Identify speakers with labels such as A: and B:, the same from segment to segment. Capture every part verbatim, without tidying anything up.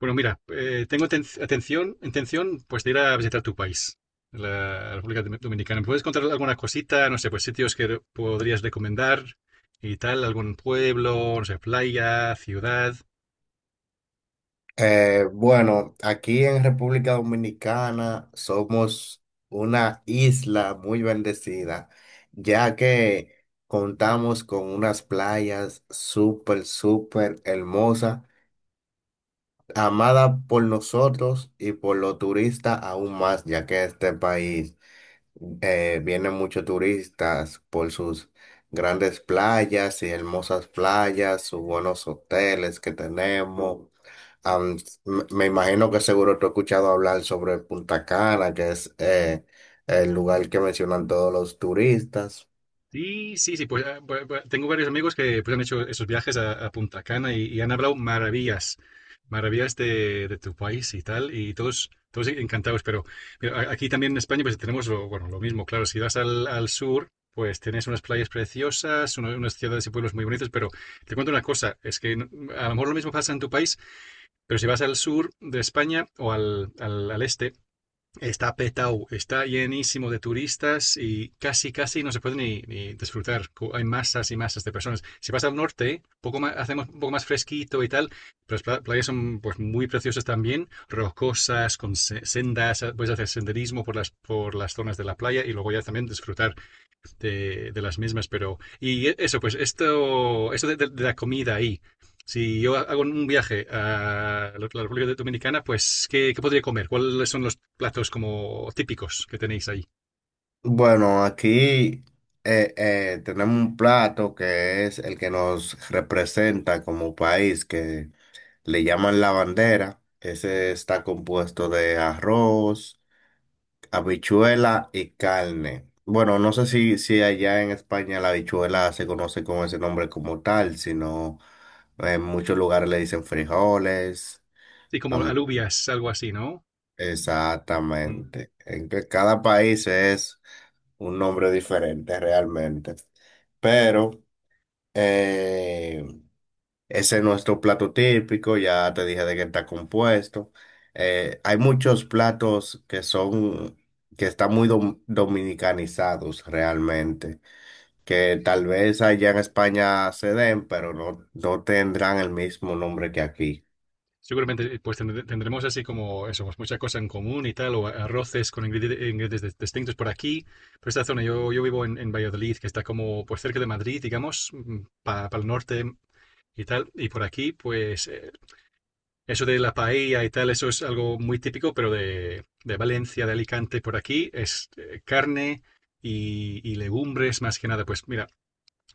A: Bueno, mira, eh, tengo ten- atención, intención pues de ir a visitar tu país, la República Dom- Dominicana. ¿Me puedes contar alguna cosita? No sé, pues sitios que re- podrías recomendar y tal, algún pueblo, no sé, playa, ciudad.
B: Eh, bueno, aquí en República Dominicana somos una isla muy bendecida, ya que contamos con unas playas súper, súper hermosas, amadas por nosotros y por los turistas aún más, ya que este país eh, vienen muchos turistas por sus grandes playas y hermosas playas, sus buenos hoteles que tenemos. Am, me me imagino que seguro tú has escuchado hablar sobre Punta Cana, que es eh, el lugar que mencionan todos los turistas.
A: Sí, sí, sí, pues, ah, bu- bu- tengo varios amigos que pues, han hecho esos viajes a, a Punta Cana y, y han hablado maravillas, maravillas de, de tu país y tal, y todos, todos encantados. Pero mira, a- aquí también en España pues tenemos lo, bueno, lo mismo, claro, si vas al, al sur, pues tienes unas playas preciosas, uno- unas ciudades y pueblos muy bonitos, pero te cuento una cosa, es que n- a lo mejor lo mismo pasa en tu país, pero si vas al sur de España o al, al, al este. Está petado, está llenísimo de turistas y casi, casi no se puede ni, ni disfrutar. Co- Hay masas y masas de personas. Si vas al norte, poco más, hacemos un poco más fresquito y tal, pero las pla- playas son pues, muy preciosas también, rocosas, con se- sendas, ah, puedes hacer senderismo por las, por las zonas de la playa y luego ya también disfrutar de, de las mismas. Pero, y eso, pues esto, esto de, de- de la comida ahí. Si yo hago un viaje a la la República Dominicana, pues, ¿qué, qué podría comer? ¿Cuáles son los platos como típicos que tenéis ahí?
B: Bueno, aquí eh, eh, tenemos un plato que es el que nos representa como país, que le llaman la bandera. Ese está compuesto de arroz. Habichuela y carne. Bueno, no sé si, si allá en España la habichuela se conoce con ese nombre como tal, sino en muchos lugares le dicen frijoles.
A: Sí, como
B: Am-
A: alubias, algo así, ¿no? Mm.
B: exactamente. En que cada país es un nombre diferente realmente. Pero eh, ese es nuestro plato típico, ya te dije de qué está compuesto. Eh, hay muchos platos que son, que están muy dom- dominicanizados realmente, que tal vez allá en España se den, pero no, no tendrán el mismo nombre que aquí.
A: Seguramente pues tendre- tendremos así como eso, pues, mucha cosa en común y tal, o a- arroces con ingredi- ingredientes dis- distintos por aquí. Por esta zona, yo, yo vivo en, en Valladolid, que está como pues cerca de Madrid, digamos, para el norte y tal. Y por aquí, pues eh, eso de la paella y tal, eso es algo muy típico, pero de, de Valencia, de Alicante, por aquí, es eh, carne y, y legumbres más que nada. Pues mira,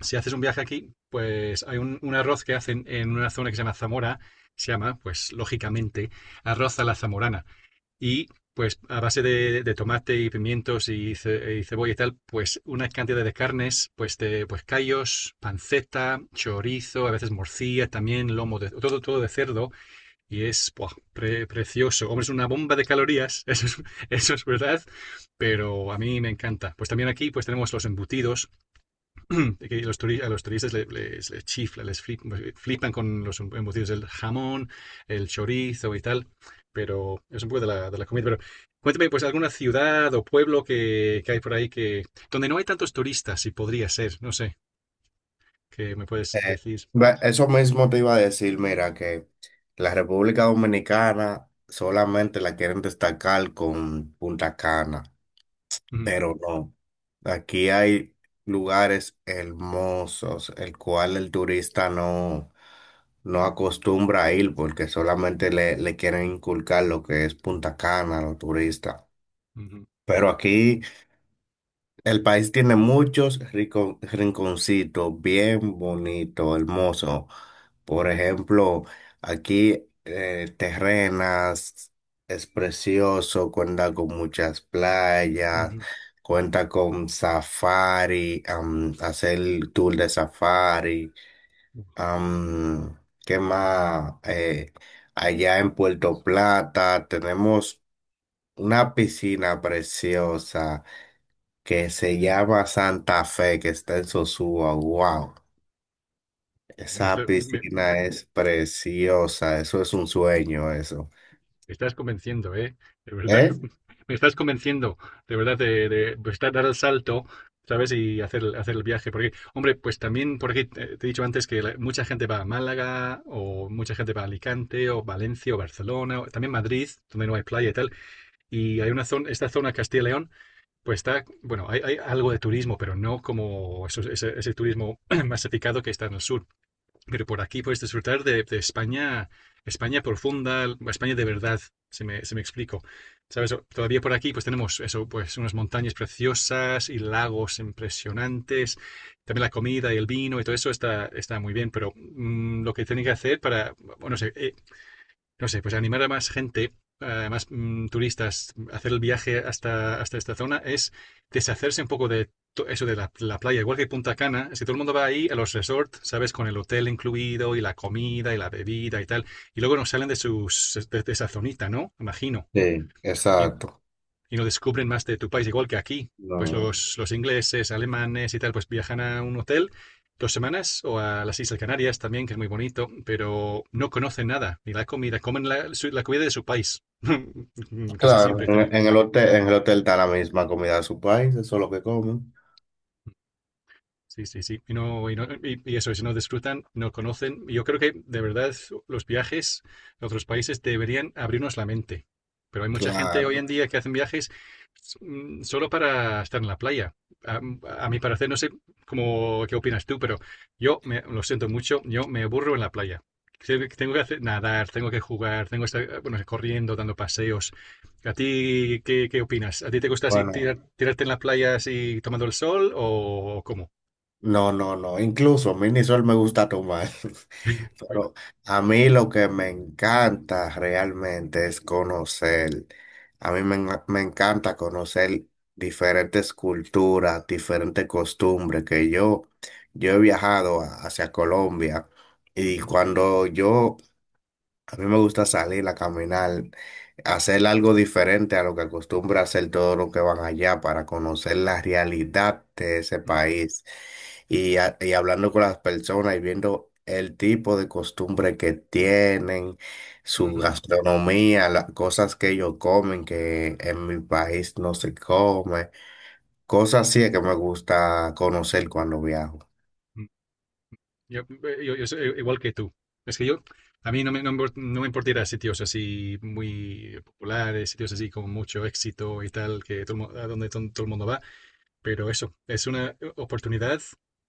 A: si haces un viaje aquí, pues hay un, un arroz que hacen en una zona que se llama Zamora, se llama, pues lógicamente, arroz a la zamorana. Y pues a base de, de tomate y pimientos y, ce- y cebolla y tal, pues una cantidad de carnes, pues de pues callos, panceta, chorizo, a veces morcilla también, lomo, de, todo, todo de cerdo y es buah, pre- precioso. Hombre, es una bomba de calorías, eso es, eso es verdad, pero a mí me encanta. Pues también aquí pues tenemos los embutidos, que los turi- a los turistas le- les, les chifla, les flip- flipan con los embutidos del jamón, el chorizo y tal, pero es un poco de la, de la comida. Pero cuéntame, pues alguna ciudad o pueblo que, que hay por ahí que donde no hay tantos turistas, y podría ser, no sé, que me puedes
B: Eh,
A: decir.
B: ve- eso mismo te iba a decir, mira, que la República Dominicana solamente la quieren destacar con Punta Cana.
A: Ujú,
B: Pero no. Aquí hay lugares hermosos, el cual el turista no, no acostumbra a ir porque solamente le, le quieren inculcar lo que es Punta Cana a los turistas.
A: ujú,
B: Pero aquí... El país tiene muchos rico- rinconcitos bien bonitos, hermosos. Por ejemplo, aquí eh, Terrenas es precioso, cuenta con muchas playas, cuenta con safari, am, hacer el tour de safari.
A: ujú.
B: am, ¿Qué más? Eh, allá en Puerto Plata tenemos una piscina preciosa que se llama Santa Fe, que está en Sosúa. Wow,
A: Me
B: esa
A: estoy- me-
B: piscina es preciosa, eso es un sueño, eso.
A: Me estás convenciendo, ¿eh? De verdad.
B: ¿Eh?
A: Me estás convenciendo, de verdad, de, de estar, dar dar el salto, ¿sabes? Y hacer, el- hacer el viaje. Porque, hombre, pues también, porque te, te he dicho antes que la- mucha gente va a Málaga, o mucha gente va a Alicante, o Valencia, o Barcelona, o también Madrid, donde no hay playa y tal. Y hay una zona, esta zona Castilla y León, pues está, bueno, hay, hay algo de turismo, pero no como eso- ese, ese turismo masificado que está en el sur, pero por aquí puedes disfrutar de, de España, España profunda, España de verdad, se me, se me explico. ¿Sabes? O- Todavía por aquí pues tenemos eso, pues unas montañas preciosas y lagos impresionantes. También la comida y el vino y todo eso está, está muy bien, pero mm, lo que tienen que hacer para, bueno, no sé, eh, no sé, pues animar a más gente, a más mm, turistas, a hacer el viaje hasta, hasta esta zona, es deshacerse un poco de to- eso de la, la playa. Igual que Punta Cana, si todo el mundo va ahí a los resorts, ¿sabes? Con el hotel incluido y la comida y la bebida y tal, y luego nos salen de, sus, de, de esa zonita, ¿no? Imagino
B: Sí, exacto.
A: y no descubren más de tu país igual que aquí. Pues
B: No.
A: los, los ingleses, alemanes y tal, pues viajan a un hotel dos semanas o a las Islas Canarias también, que es muy bonito, pero no conocen nada, ni la comida, comen la, su- la comida de su país, casi
B: Claro,
A: siempre también.
B: en en el hotel, en el hotel está la misma comida de su país, eso es lo que comen.
A: Sí, sí, sí. Y, no, y, no- y- y eso, si no disfrutan, no conocen. Yo creo que de verdad los viajes a otros países deberían abrirnos la mente. Pero hay mucha gente hoy
B: Claro.
A: en día que hacen viajes, mm, solo para estar en la playa. A, mm, a mi parecer, no sé cómo, qué opinas tú, pero yo me, lo siento mucho, yo me aburro en la playa. Tengo que tengo que hacer, nadar, tengo que jugar, tengo que estar, eh, bueno, corriendo, dando paseos. ¿A ti qué, qué opinas? ¿A ti te gusta así
B: Bueno,
A: tirar- tirarte en la playa así tomando el sol o cómo?
B: no, no, no. Incluso a mí ni sol me gusta tomar.
A: Bueno,
B: Pero a mí lo que me encanta realmente es conocer. A mí me, en- me encanta conocer diferentes culturas, diferentes costumbres que yo, yo he viajado a- hacia Colombia y
A: ujú,
B: cuando yo a mí me gusta salir a caminar, hacer algo diferente a lo que acostumbra hacer todos los que van allá para conocer la realidad de ese
A: ujú,
B: país y, a- y hablando con las personas y viendo el tipo de costumbre que tienen, su
A: ujú,
B: gastronomía, las cosas que ellos comen que en mi país no se come, cosas así es que me gusta conocer cuando viajo.
A: ujú. Yo, eh, yo- yo soy igual que tú. Es que yo, a mí no me, no me import- no me importaría sitios así muy populares, sitios así con mucho éxito y tal, que todo el mu- a donde ton- todo el mundo va. Pero eso, es una oportunidad,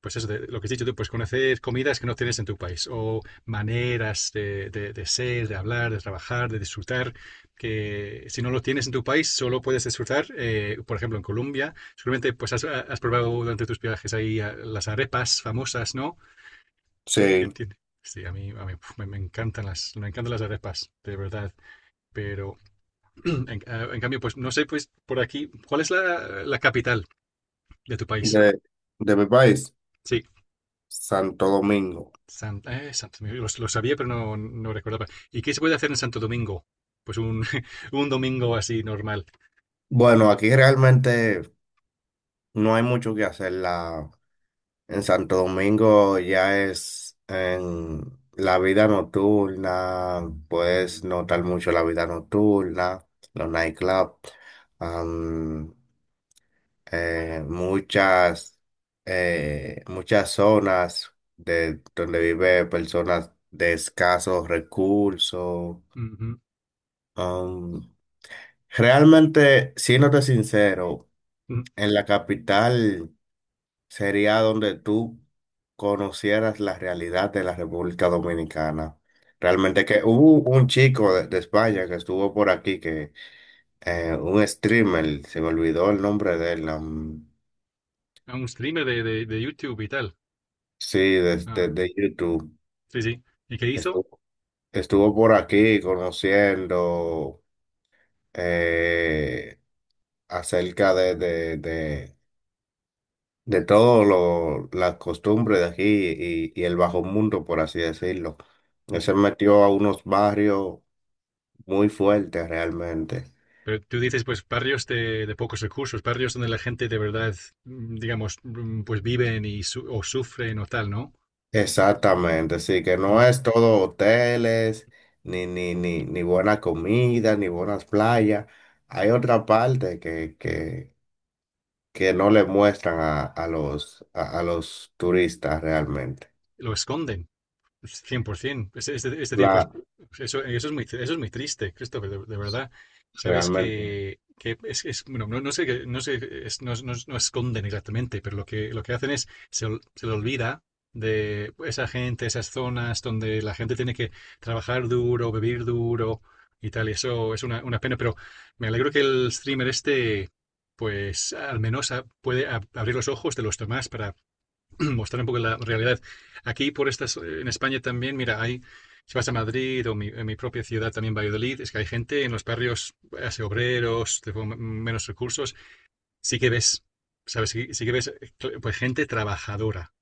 A: pues eso, de lo que has dicho tú, pues conocer comidas que no tienes en tu país o maneras de, de- de ser, de hablar, de trabajar, de disfrutar, que si no lo tienes en tu país, solo puedes disfrutar, eh, por ejemplo, en Colombia. Seguramente pues has, has probado durante tus viajes ahí, eh, las arepas famosas, ¿no? Que
B: Sí,
A: tiene- Sí, a mí, a mí, puf, me, me encantan las, me encantan las arepas, de verdad. Pero en, eh, en cambio, pues no sé, pues por aquí, ¿cuál es la, la capital de tu país?
B: de, de mi país,
A: Sí.
B: Santo Domingo.
A: San- eh, Santo Domingo. Lo, lo sabía, pero no, no recordaba. ¿Y qué se puede hacer en Santo Domingo? Pues un, un domingo así normal.
B: Bueno, aquí realmente no hay mucho que hacer. La, en Santo Domingo ya es en la vida nocturna, puedes notar mucho la vida nocturna, los nightclubs, am, eh, muchas, eh, muchas zonas de donde vive personas de escasos recursos.
A: Ujú,
B: Um, realmente, siéndote sincero,
A: ujú.
B: en la capital sería donde tú conocieras la realidad de la República Dominicana. Realmente que hubo un chico de, de España que estuvo por aquí, que eh, un streamer, se me olvidó el nombre de él, um,
A: A ¿Un streamer de, de, de YouTube y tal?
B: sí, de, de-
A: Ah,
B: de YouTube,
A: sí, sí. ¿Y qué hizo?
B: estuvo, estuvo por aquí conociendo eh, acerca de, de, de de todo lo, las costumbres de aquí y, y el bajo mundo, por así decirlo. Él
A: Ujú.
B: se metió a unos barrios muy fuertes realmente.
A: Pero tú dices, pues barrios de, de pocos recursos, barrios donde la gente de verdad, mm, digamos, mm, pues viven y su- o sufren o tal, ¿no?
B: Exactamente, sí, que no
A: Mm,
B: es todo hoteles, ni, ni, ni, ni buena comida, ni buenas playas. Hay otra parte que, que, que no le muestran a, a los, a, a los turistas realmente.
A: Lo esconden. cien por ciento. Es, es, es decir, pues
B: La,
A: pues, eso, eso, es muy, eso es muy triste, Christopher, de, de verdad. Sabes
B: realmente.
A: que, que es, es- bueno, no, no sé, qué, no sé, es- no, no- no esconden exactamente, pero lo que, lo que hacen es, se, ol- se le olvida de esa gente, esas zonas donde la gente tiene que trabajar duro, vivir duro y tal, y eso es una, una pena, pero me alegro que el streamer este, pues al menos a- puede ab- abrir los ojos de los demás para mostrar un poco la realidad. Aquí, por estas, eh, en España también, mira, hay, si vas a Madrid o mi, en mi propia ciudad también, Valladolid, es que hay gente en los barrios, hace obreros, de m- menos recursos, sí que ves, ¿sabes? Sí, sí que ves, eh, cl- pues, gente trabajadora,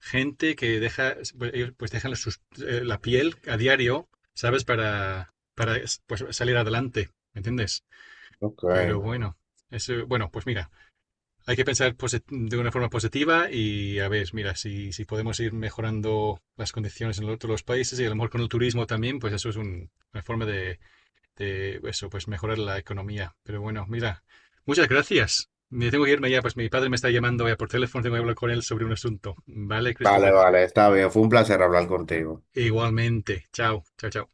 A: gente que deja, pues, ellos pues dejan sus- eh, la piel a diario, ¿sabes? Para, para pues, salir adelante, ¿me entiendes?
B: Ok.
A: Pero bueno, eso, bueno, pues mira. Hay que pensar posi- de una forma positiva y a ver, mira, si, si podemos ir mejorando las condiciones en los otros los países y a lo mejor con el turismo también, pues eso es un- una forma de, de eso, pues mejorar la economía. Pero bueno, mira, muchas gracias. Me tengo que irme ya, pues mi padre me está llamando ya por teléfono, tengo que hablar con él sobre un asunto. Vale,
B: Vale,
A: Christopher.
B: vale, está bien. Fue un placer hablar contigo.
A: Igualmente. Chao, chao, chao.